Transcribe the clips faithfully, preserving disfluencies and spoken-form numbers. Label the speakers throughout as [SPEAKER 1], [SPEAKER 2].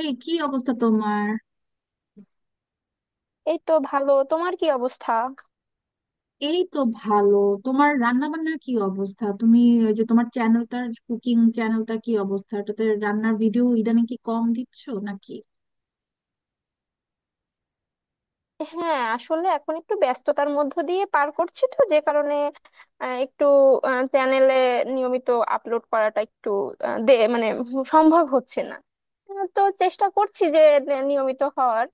[SPEAKER 1] এই কি অবস্থা তোমার?
[SPEAKER 2] এই তো ভালো। তোমার কি অবস্থা?
[SPEAKER 1] এই তো ভালো। তোমার রান্না বান্নার কি অবস্থা? তুমি ওই যে তোমার চ্যানেলটার, কুকিং চ্যানেলটার কি অবস্থা? ওটাতে রান্নার ভিডিও ইদানিং কি কম দিচ্ছ নাকি?
[SPEAKER 2] হ্যাঁ, আসলে এখন একটু ব্যস্ততার মধ্য দিয়ে পার করছি, তো যে কারণে আহ, একটু চ্যানেলে নিয়মিত আপলোড করাটা একটু আহ, দে মানে সম্ভব হচ্ছে না। আহ, তো চেষ্টা করছি যে নে- নিয়মিত হওয়ার।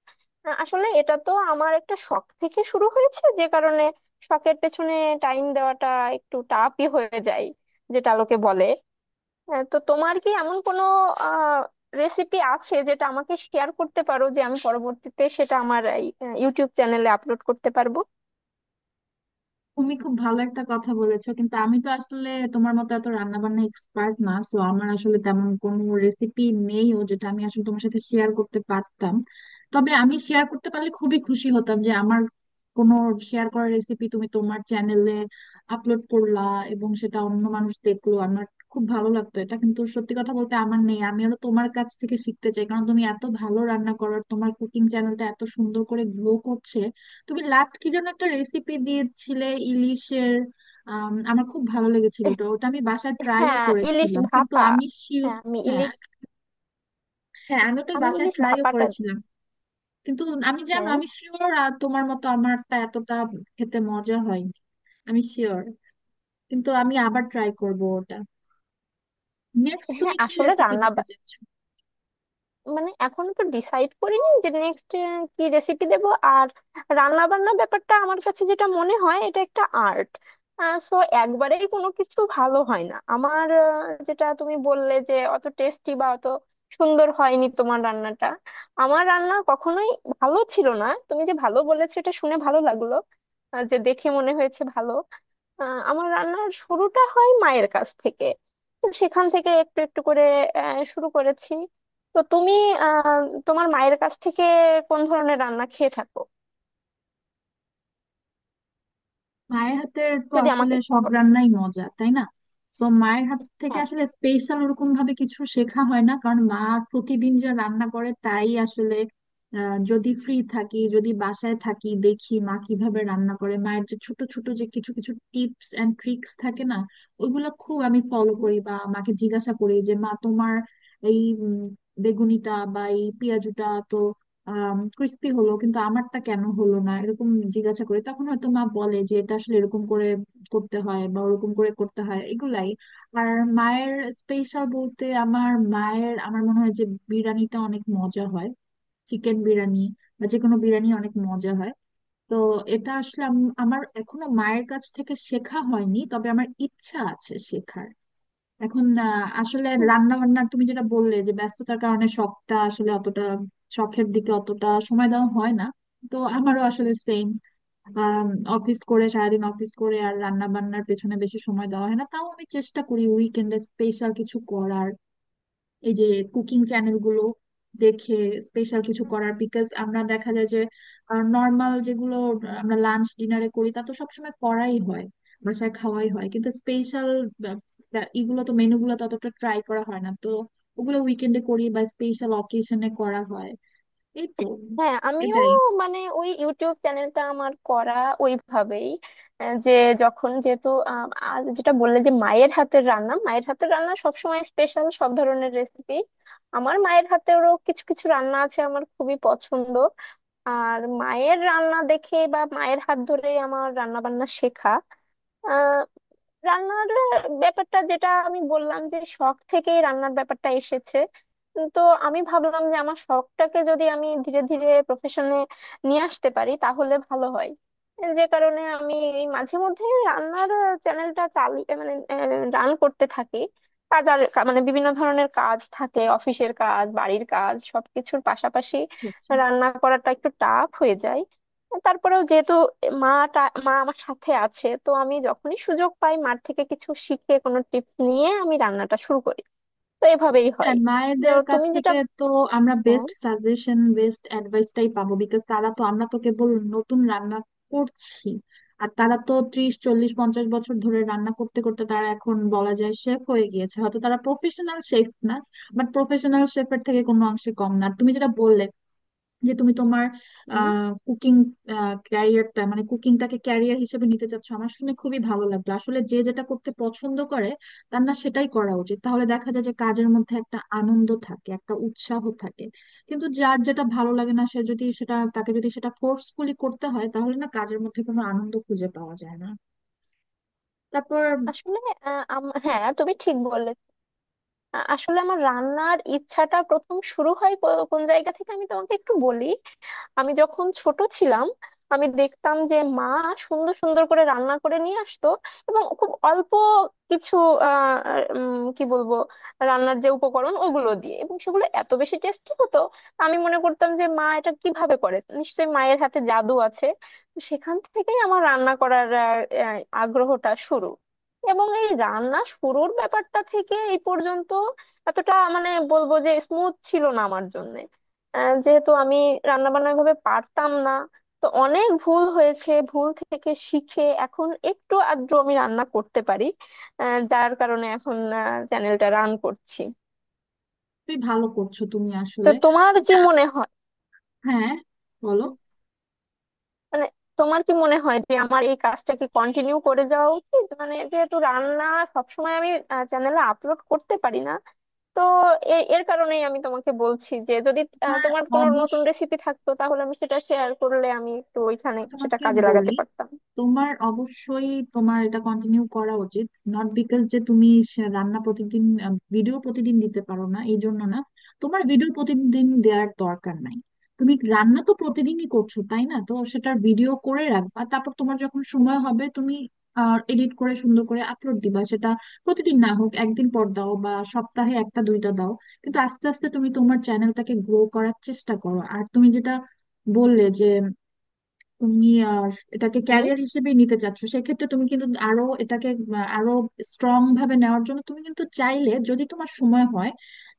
[SPEAKER 2] আহ, আসলে এটা তো আমার একটা শখ থেকে শুরু হয়েছে, যে কারণে শখের পেছনে টাইম দেওয়াটা একটু টাফই হয়ে যায়, যেটা লোকে বলে। হ্যাঁ, তো তোমার কি এমন কোনো আহ রেসিপি আছে যেটা আমাকে শেয়ার করতে পারো, যে আমি পরবর্তীতে সেটা আমার ইউটিউব চ্যানেলে আপলোড করতে পারবো?
[SPEAKER 1] তুমি খুব ভালো একটা কথা বলেছো, কিন্তু আমি তো আসলে তোমার মতো এত রান্না বান্না এক্সপার্ট না, সো আমার আসলে তেমন কোনো রেসিপি নেইও যেটা আমি আসলে তোমার সাথে শেয়ার করতে পারতাম। তবে আমি শেয়ার করতে পারলে খুবই খুশি হতাম যে আমার কোনো শেয়ার করা রেসিপি তুমি তোমার চ্যানেলে আপলোড করলা এবং সেটা অন্য মানুষ দেখলো। আমার খুব ভালো লাগতো এটা, কিন্তু সত্যি কথা বলতে আমার নেই। আমি আরো তোমার কাছ থেকে শিখতে চাই, কারণ তুমি এত ভালো রান্না করো আর তোমার কুকিং চ্যানেলটা এত সুন্দর করে গ্রো করছে। তুমি লাস্ট কি যেন একটা রেসিপি দিয়েছিলে, ইলিশের। আম, আমার খুব ভালো লেগেছিল ওটা। ওটা আমি বাসায় ট্রাইও
[SPEAKER 2] হ্যাঁ, ইলিশ
[SPEAKER 1] করেছিলাম, কিন্তু
[SPEAKER 2] ভাপা।
[SPEAKER 1] আমি শিওর।
[SPEAKER 2] হ্যাঁ, আমি
[SPEAKER 1] হ্যাঁ।
[SPEAKER 2] ইলিশ,
[SPEAKER 1] হ্যাঁ, আমি ওটা
[SPEAKER 2] আমি
[SPEAKER 1] বাসায়
[SPEAKER 2] ইলিশ
[SPEAKER 1] ট্রাইও
[SPEAKER 2] ভাপাটা দিই।
[SPEAKER 1] করেছিলাম, কিন্তু আমি জানো
[SPEAKER 2] হ্যাঁ।
[SPEAKER 1] আমি শিওর তোমার মতো আমারটা এতটা খেতে মজা হয়নি, আমি শিওর। কিন্তু আমি আবার ট্রাই করব ওটা। নেক্সট
[SPEAKER 2] হ্যাঁ,
[SPEAKER 1] তুমি কি
[SPEAKER 2] আসলে
[SPEAKER 1] রেসিপি
[SPEAKER 2] রান্না
[SPEAKER 1] দিতে চাচ্ছ?
[SPEAKER 2] মানে এখনো তো ডিসাইড করিনি যে নেক্সট কি রেসিপি দেব। আর রান্না বান্না ব্যাপারটা আমার কাছে যেটা মনে হয়, এটা একটা আর্ট। সো একবারেই কোনো কিছু ভালো হয় না আমার। আহ, যেটা তুমি বললে যে অত টেস্টি বা অত সুন্দর হয়নি তোমার রান্নাটা, আমার রান্না কখনোই ভালো ছিল না। তুমি যে ভালো বলেছো, এটা শুনে ভালো লাগলো। আহ, যে দেখে মনে হয়েছে ভালো। আহ, আমার রান্নার শুরুটা হয় মায়ের কাছ থেকে। তো সেখান থেকে একটু একটু করে আহ, শুরু করেছি। তো তুমি আহ তোমার মায়ের কাছ থেকে কোন ধরনের রান্না খেয়ে থাকো,
[SPEAKER 1] মায়ের হাতের তো
[SPEAKER 2] যদি
[SPEAKER 1] আসলে
[SPEAKER 2] আমাকে একটু
[SPEAKER 1] সব
[SPEAKER 2] বলো।
[SPEAKER 1] রান্নাই মজা, তাই না? তো মায়ের হাত থেকে
[SPEAKER 2] হ্যাঁ।
[SPEAKER 1] আসলে স্পেশাল ওরকম ভাবে কিছু শেখা হয় না, কারণ মা প্রতিদিন যা রান্না করে তাই আসলে আহ, যদি ফ্রি থাকি, যদি বাসায় থাকি, দেখি মা কিভাবে রান্না করে। মায়ের যে ছোট ছোট যে কিছু কিছু টিপস এন্ড ট্রিক্স থাকে না, ওইগুলো খুব আমি ফলো
[SPEAKER 2] হুম।
[SPEAKER 1] করি, বা মাকে জিজ্ঞাসা করি যে মা তোমার এই উম, বেগুনিটা বা এই পেঁয়াজুটা তো ক্রিস্পি হলো, কিন্তু আমারটা কেন হলো না, এরকম জিজ্ঞাসা করে। তখন হয়তো মা বলে যে এটা আসলে এরকম করে করতে হয় বা ওরকম করে করতে হয়, এগুলাই। আর মায়ের স্পেশাল বলতে, আমার মায়ের আমার মনে হয় যে বিরিয়ানিটা অনেক মজা হয়, চিকেন বিরিয়ানি বা যে কোনো বিরিয়ানি অনেক মজা হয়। তো এটা আসলে আম- আমার এখনো মায়ের কাছ থেকে শেখা হয়নি, তবে আমার ইচ্ছা আছে শেখার। এখন আহ, আসলে রান্না বান্না তুমি যেটা বললে যে ব্যস্ততার কারণে শখটা আসলে অতটা, শখের দিকে অতটা সময় দেওয়া হয় না, তো আমারও আসলে সেম। অফিস করে, সারাদিন অফিস করে আর রান্না বান্নার পেছনে বেশি সময় দেওয়া হয় না। তাও আমি চেষ্টা করি উইকেন্ডে স্পেশাল কিছু করার, এই যে কুকিং চ্যানেল গুলো দেখে স্পেশাল কিছু করার। বিকজ আমরা দেখা যায় যে নর্মাল যেগুলো আমরা লাঞ্চ ডিনারে করি, তা তো সবসময় করাই হয়, বাসায় খাওয়াই হয়, কিন্তু স্পেশাল এগুলো তো, মেনু গুলো ততটা ট্রাই করা হয় না, তো ওগুলো উইকেন্ডে করি বা স্পেশাল অকেশনে করা হয়। এই তো,
[SPEAKER 2] হ্যাঁ, আমিও
[SPEAKER 1] এটাই।
[SPEAKER 2] মানে ওই ইউটিউব চ্যানেলটা আমার করা ওইভাবেই। আহ, যে যখন যেহেতু আহ, আর যেটা বললে যে মায়ের হাতের রান্না, মায়ের হাতের রান্না সবসময় স্পেশাল সব ধরনের রেসিপি। আমার মায়ের হাতেরও কিছু কিছু রান্না আছে আমার খুবই পছন্দ। আর মায়ের রান্না দেখে বা মায়ের হাত ধরে আমার রান্না বান্না শেখা, রান্নার ব্যাপারটা, যেটা আমি বললাম যে শখ থেকেই রান্নার ব্যাপারটা এসেছে। উম, তো আমি ভাবলাম যে আমার শখটাকে যদি আমি ধীরে ধীরে প্রফেশনে নিয়ে আসতে পারি তাহলে ভালো হয়। যে কারণে আমি এই মাঝে মধ্যে রান্নার চ্যানেলটা চালিয়ে মানে রান করতে থাকি। কাজার মানে বিভিন্ন ধরনের কাজ থাকে, অফিসের কাজ, বাড়ির কাজ, সবকিছুর পাশাপাশি
[SPEAKER 1] আচ্ছা, আচ্ছা।
[SPEAKER 2] রান্না করাটা একটু টাফ হয়ে যায়। তারপরেও যেহেতু মা মা আমার সাথে আছে, তো আমি যখনই সুযোগ পাই মার থেকে কিছু শিখে কোনো টিপস নিয়ে আমি রান্নাটা শুরু করি। তো এভাবেই হয়।
[SPEAKER 1] হ্যাঁ,
[SPEAKER 2] তো
[SPEAKER 1] মায়েদের কাছ
[SPEAKER 2] তুমি যেটা
[SPEAKER 1] থেকে তো আমরা
[SPEAKER 2] হ্যাঁ।
[SPEAKER 1] বেস্ট সাজেশন, বেস্ট অ্যাডভাইসটাই পাবো, বিকজ তারা তো, আমরা তো কেবল নতুন রান্না করছি, আর তারা তো ত্রিশ চল্লিশ পঞ্চাশ বছর ধরে রান্না করতে করতে তারা এখন বলা যায় শেফ হয়ে গিয়েছে। হয়তো তারা প্রফেশনাল শেফ না, বাট প্রফেশনাল শেফের থেকে কোনো অংশে কম না। আর তুমি যেটা বললে যে তুমি তোমার
[SPEAKER 2] হুম,
[SPEAKER 1] কুকিং ক্যারিয়ারটা, মানে কুকিংটাকে ক্যারিয়ার হিসেবে নিতে চাচ্ছ, আমার শুনে খুবই ভালো লাগলো। আসলে যে যেটা করতে পছন্দ করে তার না সেটাই করা উচিত, তাহলে দেখা যায় যে কাজের মধ্যে একটা আনন্দ থাকে, একটা উৎসাহ থাকে। কিন্তু যার যেটা ভালো লাগে না সে যদি সেটা, তাকে যদি সেটা ফোর্সফুলি করতে হয়, তাহলে না কাজের মধ্যে কোনো আনন্দ খুঁজে পাওয়া যায় না। তারপর
[SPEAKER 2] আসলে আহ, আম- হ্যাঁ, তুমি ঠিক বললে। আ- আসলে আমার রান্নার ইচ্ছাটা প্রথম শুরু হয় কো- কোন জায়গা থেকে আমি তোমাকে একটু বলি। আমি যখন ছোট ছিলাম, আমি দেখতাম যে মা সুন্দর সুন্দর করে রান্না করে নিয়ে আসতো, এবং খুব অল্প কিছু আহ উম, কি বলবো, রান্নার যে উপকরণ ওগুলো দিয়ে, এবং সেগুলো এত বেশি টেস্টি হতো। আমি মনে করতাম যে মা এটা কিভাবে করে, নিশ্চয়ই মায়ের হাতে জাদু আছে। তো সেখান থেকেই আমার রান্না করার আহ, আহ, আগ্রহটা শুরু। এবং এই রান্না শুরুর ব্যাপারটা থেকে এই পর্যন্ত এতটা মানে বলবো যে স্মুথ ছিল না আমার জন্য। আহ, যেহেতু আমি রান্না বান্না ভাবে পারতাম না, তো অনেক ভুল হয়েছে। ভুল থেকে শিখে এখন একটু আধটু আমি রান্না করতে পারি। আহ, যার কারণে এখন চ্যানেলটা রান করছি।
[SPEAKER 1] তুমি ভালো করছো, তুমি
[SPEAKER 2] তো
[SPEAKER 1] আসলে।
[SPEAKER 2] তোমার কি
[SPEAKER 1] আচ্ছা,
[SPEAKER 2] মনে হয়
[SPEAKER 1] হ্যাঁ, বলো।
[SPEAKER 2] মানে তোমার কি মনে হয় যে আমার এই কাজটা কি কন্টিনিউ করে যাওয়া উচিত? মানে যেহেতু রান্না সবসময় আমি চ্যানেলে আপলোড করতে পারি না, তো এ- এর কারণেই আমি তোমাকে বলছি যে যদি আহ,
[SPEAKER 1] তোমার
[SPEAKER 2] তোমার কোনো নতুন
[SPEAKER 1] অবশ্য,
[SPEAKER 2] রেসিপি থাকতো, তাহলে আমি সেটা শেয়ার করলে আমি একটু ওইখানে
[SPEAKER 1] আমি
[SPEAKER 2] সেটা
[SPEAKER 1] তোমাকে
[SPEAKER 2] কাজে
[SPEAKER 1] বলি,
[SPEAKER 2] লাগাতে পারতাম।
[SPEAKER 1] তোমার অবশ্যই তোমার এটা কন্টিনিউ করা উচিত। নট বিকজ যে তুমি সে- রান্না প্রতিদিন, ভিডিও প্রতিদিন দিতে পারো না এই জন্য না। তোমার ভিডিও প্রতিদিন দেওয়ার দরকার নাই। তুমি রান্না তো প্রতিদিনই করছো তাই না, তো সেটার ভিডিও করে রাখবা, তারপর তোমার যখন সময় হবে তুমি এডিট করে সুন্দর করে আপলোড দিবা। সেটা প্রতিদিন না হোক একদিন পর দাও, বা সপ্তাহে একটা দুইটা দাও। কিন্তু আস্তে আস্তে তুমি তোমার চ্যানেলটাকে গ্রো করার চেষ্টা করো। আর তুমি যেটা বললে যে তুমি আহ, এটাকে
[SPEAKER 2] হুম।
[SPEAKER 1] ক্যারিয়ার হিসেবেই নিতে চাচ্ছ, সেক্ষেত্রে তুমি কিন্তু আরো এটাকে আহ, আরো স্ট্রং ভাবে নেওয়ার জন্য, তুমি কিন্তু চাইলে যদি তোমার সময় হয়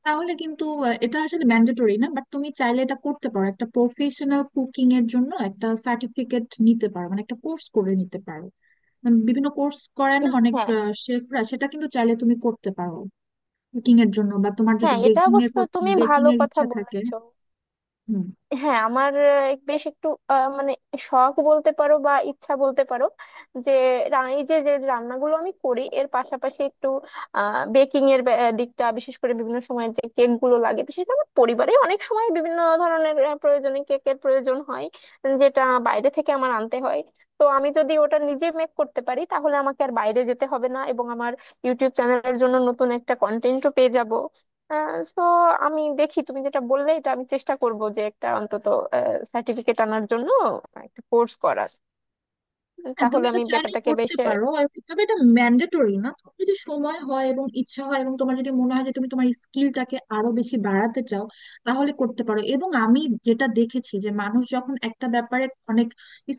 [SPEAKER 1] তাহলে কিন্তু আহ, এটা আসলে ম্যান্ডেটরি না, বাট তুমি চাইলে এটা করতে পারো, একটা প্রফেশনাল কুকিং এর জন্য একটা সার্টিফিকেট নিতে পারো, মানে একটা কোর্স করে নিতে পারো। উম, বিভিন্ন কোর্স করে না অনেক
[SPEAKER 2] হ্যাঁ।
[SPEAKER 1] শেফরা, সেটা কিন্তু চাইলে তুমি করতে পারো কুকিং এর জন্য, বা তোমার যদি
[SPEAKER 2] হ্যাঁ, এটা
[SPEAKER 1] বেকিং এর
[SPEAKER 2] অবশ্য তুমি
[SPEAKER 1] বেকিং
[SPEAKER 2] ভালো
[SPEAKER 1] এর
[SPEAKER 2] কথা
[SPEAKER 1] ইচ্ছা থাকে।
[SPEAKER 2] বলেছো। হ্যাঁ, আমার আহ, বেশ একটু আহ, মানে শখ বলতে পারো বা ইচ্ছা বলতে পারো, যে রা- এই যে যে রান্নাগুলো আমি করি এর পাশাপাশি একটু আহ বেকিং এর ব্যা- আহ, দিকটা, বিশেষ করে বিভিন্ন সময় যে কেক গুলো লাগে, বিশেষ করে আমার পরিবারে অনেক সময় বিভিন্ন ধরনের আহ, প্রয়োজনে কেকের প্রয়োজন হয়, যেটা বাইরে থেকে আমার আনতে হয়। তো আমি যদি ওটা নিজে মেক করতে পারি তাহলে আমাকে আর বাইরে যেতে হবে না, এবং আমার ইউটিউব চ্যানেলের জন্য নতুন একটা কন্টেন্টও পেয়ে যাব। সো আমি দেখি, তুমি যেটা বললে এটা আমি চেষ্টা করব যে একটা অন্তত সার্টিফিকেট আনার জন্য একটা কোর্স করার,
[SPEAKER 1] হ্যাঁ তুমি
[SPEAKER 2] তাহলে
[SPEAKER 1] এটা
[SPEAKER 2] আমি
[SPEAKER 1] চাইলেই
[SPEAKER 2] ব্যাপারটাকে
[SPEAKER 1] করতে
[SPEAKER 2] বেশ
[SPEAKER 1] পারো আর কি- তবে এটা ম্যান্ডেটরি না। তোমার যদি সময় হয় এবং ইচ্ছা হয় এবং তোমার যদি মনে হয় যে তুমি তোমার স্কিলটাকে আরো বেশি বাড়াতে চাও, তাহলে করতে পারো। এবং আমি যেটা দেখেছি যে মানুষ যখন একটা ব্যাপারে অনেক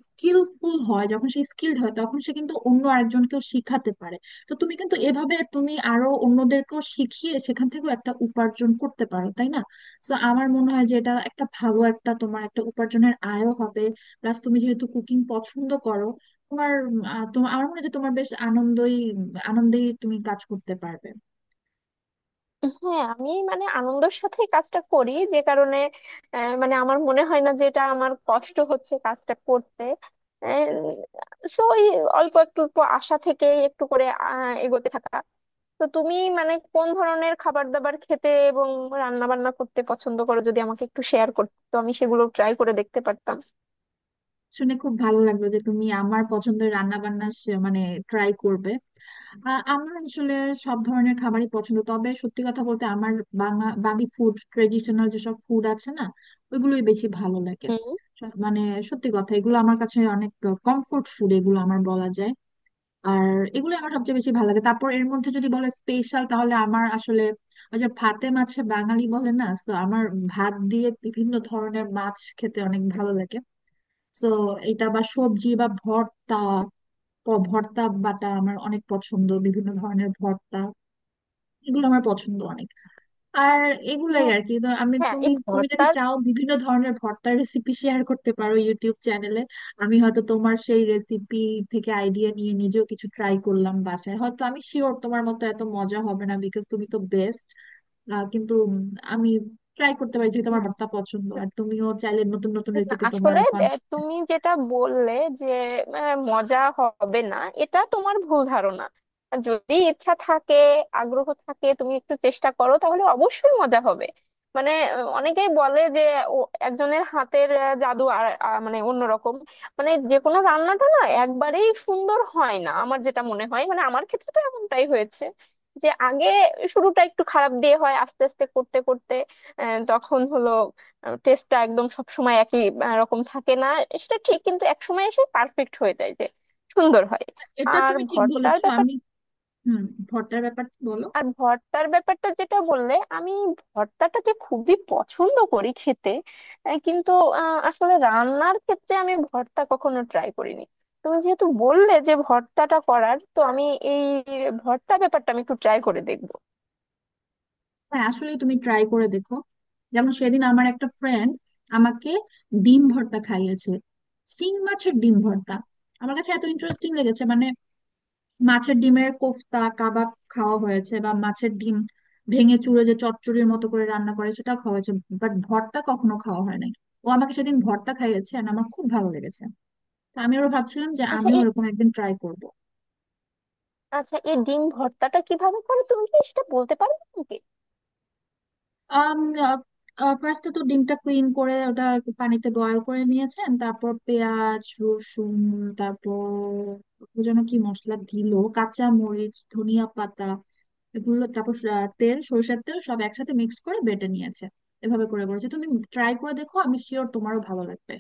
[SPEAKER 1] স্কিলফুল হয়, যখন সে স্কিলড হয়, তখন সে কিন্তু অন্য আরেকজনকেও শিখাতে পারে। তো তুমি কিন্তু এভাবে তুমি আরো অন্যদেরকেও শিখিয়ে সেখান থেকেও একটা উপার্জন করতে পারো, তাই না? তো আমার মনে হয় যে এটা একটা ভালো, একটা তোমার একটা উপার্জনের আয়ও হবে। প্লাস তুমি যেহেতু কুকিং পছন্দ করো, তোমার আহ, তোমার আমার মনে হয় যে তোমার বেশ আনন্দই আনন্দেই তুমি কাজ করতে পারবে।
[SPEAKER 2] আহ, হ্যাঁ, আমি মানে আনন্দের সাথে কাজটা করি, যে কারণে আহ, মানে আমার মনে হয় না যে এটা আমার কষ্ট হচ্ছে কাজটা করতে। সো ওই অল্প একটু অল্প আশা থেকে একটু করে আহ, এগোতে থাকা। তো তুমি মানে কোন ধরনের খাবার দাবার খেতে এবং রান্না বান্না করতে পছন্দ করো, যদি আমাকে একটু শেয়ার করতে, তো আমি সেগুলো ট্রাই করে দেখতে পারতাম।
[SPEAKER 1] শুনে খুব ভালো লাগলো যে তুমি আমার পছন্দের রান্না বান্না মানে ট্রাই করবে। আহ, আমার আসলে সব ধরনের খাবারই পছন্দ, তবে সত্যি কথা বলতে আমার বাংলা, বাঙালি ফুড, ট্রেডিশনাল যেসব ফুড আছে না, ওইগুলোই বেশি ভালো লাগে।
[SPEAKER 2] হুম।
[SPEAKER 1] স- মানে সত্যি কথা, এগুলো আমার কাছে অনেক কমফোর্ট ফুড এগুলো আমার, বলা যায়। আর এগুলো আমার সবচেয়ে বেশি ভালো লাগে। তারপর এর মধ্যে যদি বলে স্পেশাল, তাহলে আমার আসলে ওই যে ভাতে মাছে বাঙালি বলে না, তো আমার ভাত দিয়ে বিভিন্ন ধরনের মাছ খেতে অনেক ভালো লাগে। তো এটা বা সবজি বা ভর্তা, প- ভর্তা বাটা আমার অনেক পছন্দ, বিভিন্ন ধরনের ভর্তা এগুলো আমার পছন্দ অনেক। আর এগুলাই
[SPEAKER 2] হ্যাঁ।
[SPEAKER 1] আর কি। তো আমি,
[SPEAKER 2] হ্যাঁ,
[SPEAKER 1] তুমি
[SPEAKER 2] এই
[SPEAKER 1] তুমি যদি
[SPEAKER 2] ভর্তার
[SPEAKER 1] চাও বিভিন্ন ধরনের ভর্তার রেসিপি শেয়ার করতে পারো ইউটিউব চ্যানেলে। আমি হয়তো তোমার সেই রেসিপি থেকে আইডিয়া নিয়ে নিজেও কিছু ট্রাই করলাম বাসায়। হয়তো আমি শিওর তোমার মতো এত মজা হবে না, বিকজ তুমি তো বেস্ট। কিন্তু উম, আমি ট্রাই করতে পারি যেহেতু আমার
[SPEAKER 2] না,
[SPEAKER 1] ভর্তা পছন্দ। আর তুমিও চাইলে নতুন নতুন
[SPEAKER 2] না,
[SPEAKER 1] রেসিপি তোমার
[SPEAKER 2] আসলে
[SPEAKER 1] এখন।
[SPEAKER 2] দে- তুমি যেটা বললে যে আহ, মজা হবে না, এটা তোমার ভুল ধারণা। যদি ইচ্ছা থাকে, আগ্রহ থাকে, তুমি একটু চেষ্টা করো, তাহলে অবশ্যই মজা হবে। মানে আহ, অনেকেই বলে যে ও একজনের হাতের আহ, জাদু আর আহ, মানে অন্যরকম। মানে যে কোনো রান্নাটা না একবারেই সুন্দর হয় না, আমার যেটা মনে হয়, মানে আমার ক্ষেত্রে তো এমনটাই হয়েছে যে আগে শুরুটা একটু খারাপ দিয়ে হয়, আস্তে আস্তে করতে করতে আহ, তখন হলো। টেস্টটা একদম সব সময় একই আহ, রকম থাকে না, সেটা ঠিক, কিন্তু এক সময় এসে পারফেক্ট হয়ে যায়, যে সুন্দর হয়।
[SPEAKER 1] এটা
[SPEAKER 2] আর
[SPEAKER 1] তুমি ঠিক
[SPEAKER 2] ভর্তার
[SPEAKER 1] বলেছো,
[SPEAKER 2] ব্যাপার,
[SPEAKER 1] আমি। হুম, ভর্তার ব্যাপারটা বলো।
[SPEAKER 2] আর ভর্তার ব্যাপারটা যেটা বললে, আমি ভর্তাটাকে খুবই পছন্দ করি খেতে। আহ, কিন্তু আহ, আসলে রান্নার ক্ষেত্রে আমি ভর্তা কখনো ট্রাই করিনি। তুমি যেহেতু বললে যে ভর্তাটা করার, তো আমি এই ভর্তা ব্যাপারটা আমি একটু ট্রাই করে দেখবো।
[SPEAKER 1] হ্যাঁ আসলে তুমি ট্রাই করে দেখো। যেমন সেদিন আমার একটা ফ্রেন্ড আমাকে ডিম ভর্তা খাইয়েছে, সিং মাছের ডিম ভর্তা। আমার কাছে এত ইন্টারেস্টিং লেগেছে, মানে মাছের ডিমের কোফতা কাবাব খাওয়া হয়েছে, বা মাছের ডিম ভেঙে চুড়ে যে চচ্চড়ির
[SPEAKER 2] হুম।
[SPEAKER 1] মতো করে রান্না করে সেটা খাওয়া হয়েছে, বাট ভর্তা কখনো খাওয়া হয় নাই। ও আমাকে সেদিন ভর্তা খাইয়েছে আর আমার খুব ভালো লেগেছে। তো আমি ওরা ভাবছিলাম যে
[SPEAKER 2] আচ্ছা
[SPEAKER 1] আমিও
[SPEAKER 2] এই,
[SPEAKER 1] ওরকম একদিন ট্রাই করব।
[SPEAKER 2] আচ্ছা এই ডিম ভর্তাটা কিভাবে করে তুমি কি সেটা বলতে পারবে?
[SPEAKER 1] আম, আহ, আহ, ফার্স্টে তো ডিমটা ক্লিন করে ওটা একটু পানিতে বয়েল করে নিয়েছেন, তারপর পেঁয়াজ রসুন, তারপর ও যেন কি মশলা দিল, কাঁচা মরিচ ধনিয়া পাতা এগুলো, তারপর আহ, তেল, সরিষার তেল, সব একসাথে মিক্স করে বেটে নিয়েছে। এভাবে করে করেছে। তুমি ট্রাই করে দেখো, আমি শিওর তোমারও ভালো লাগবে।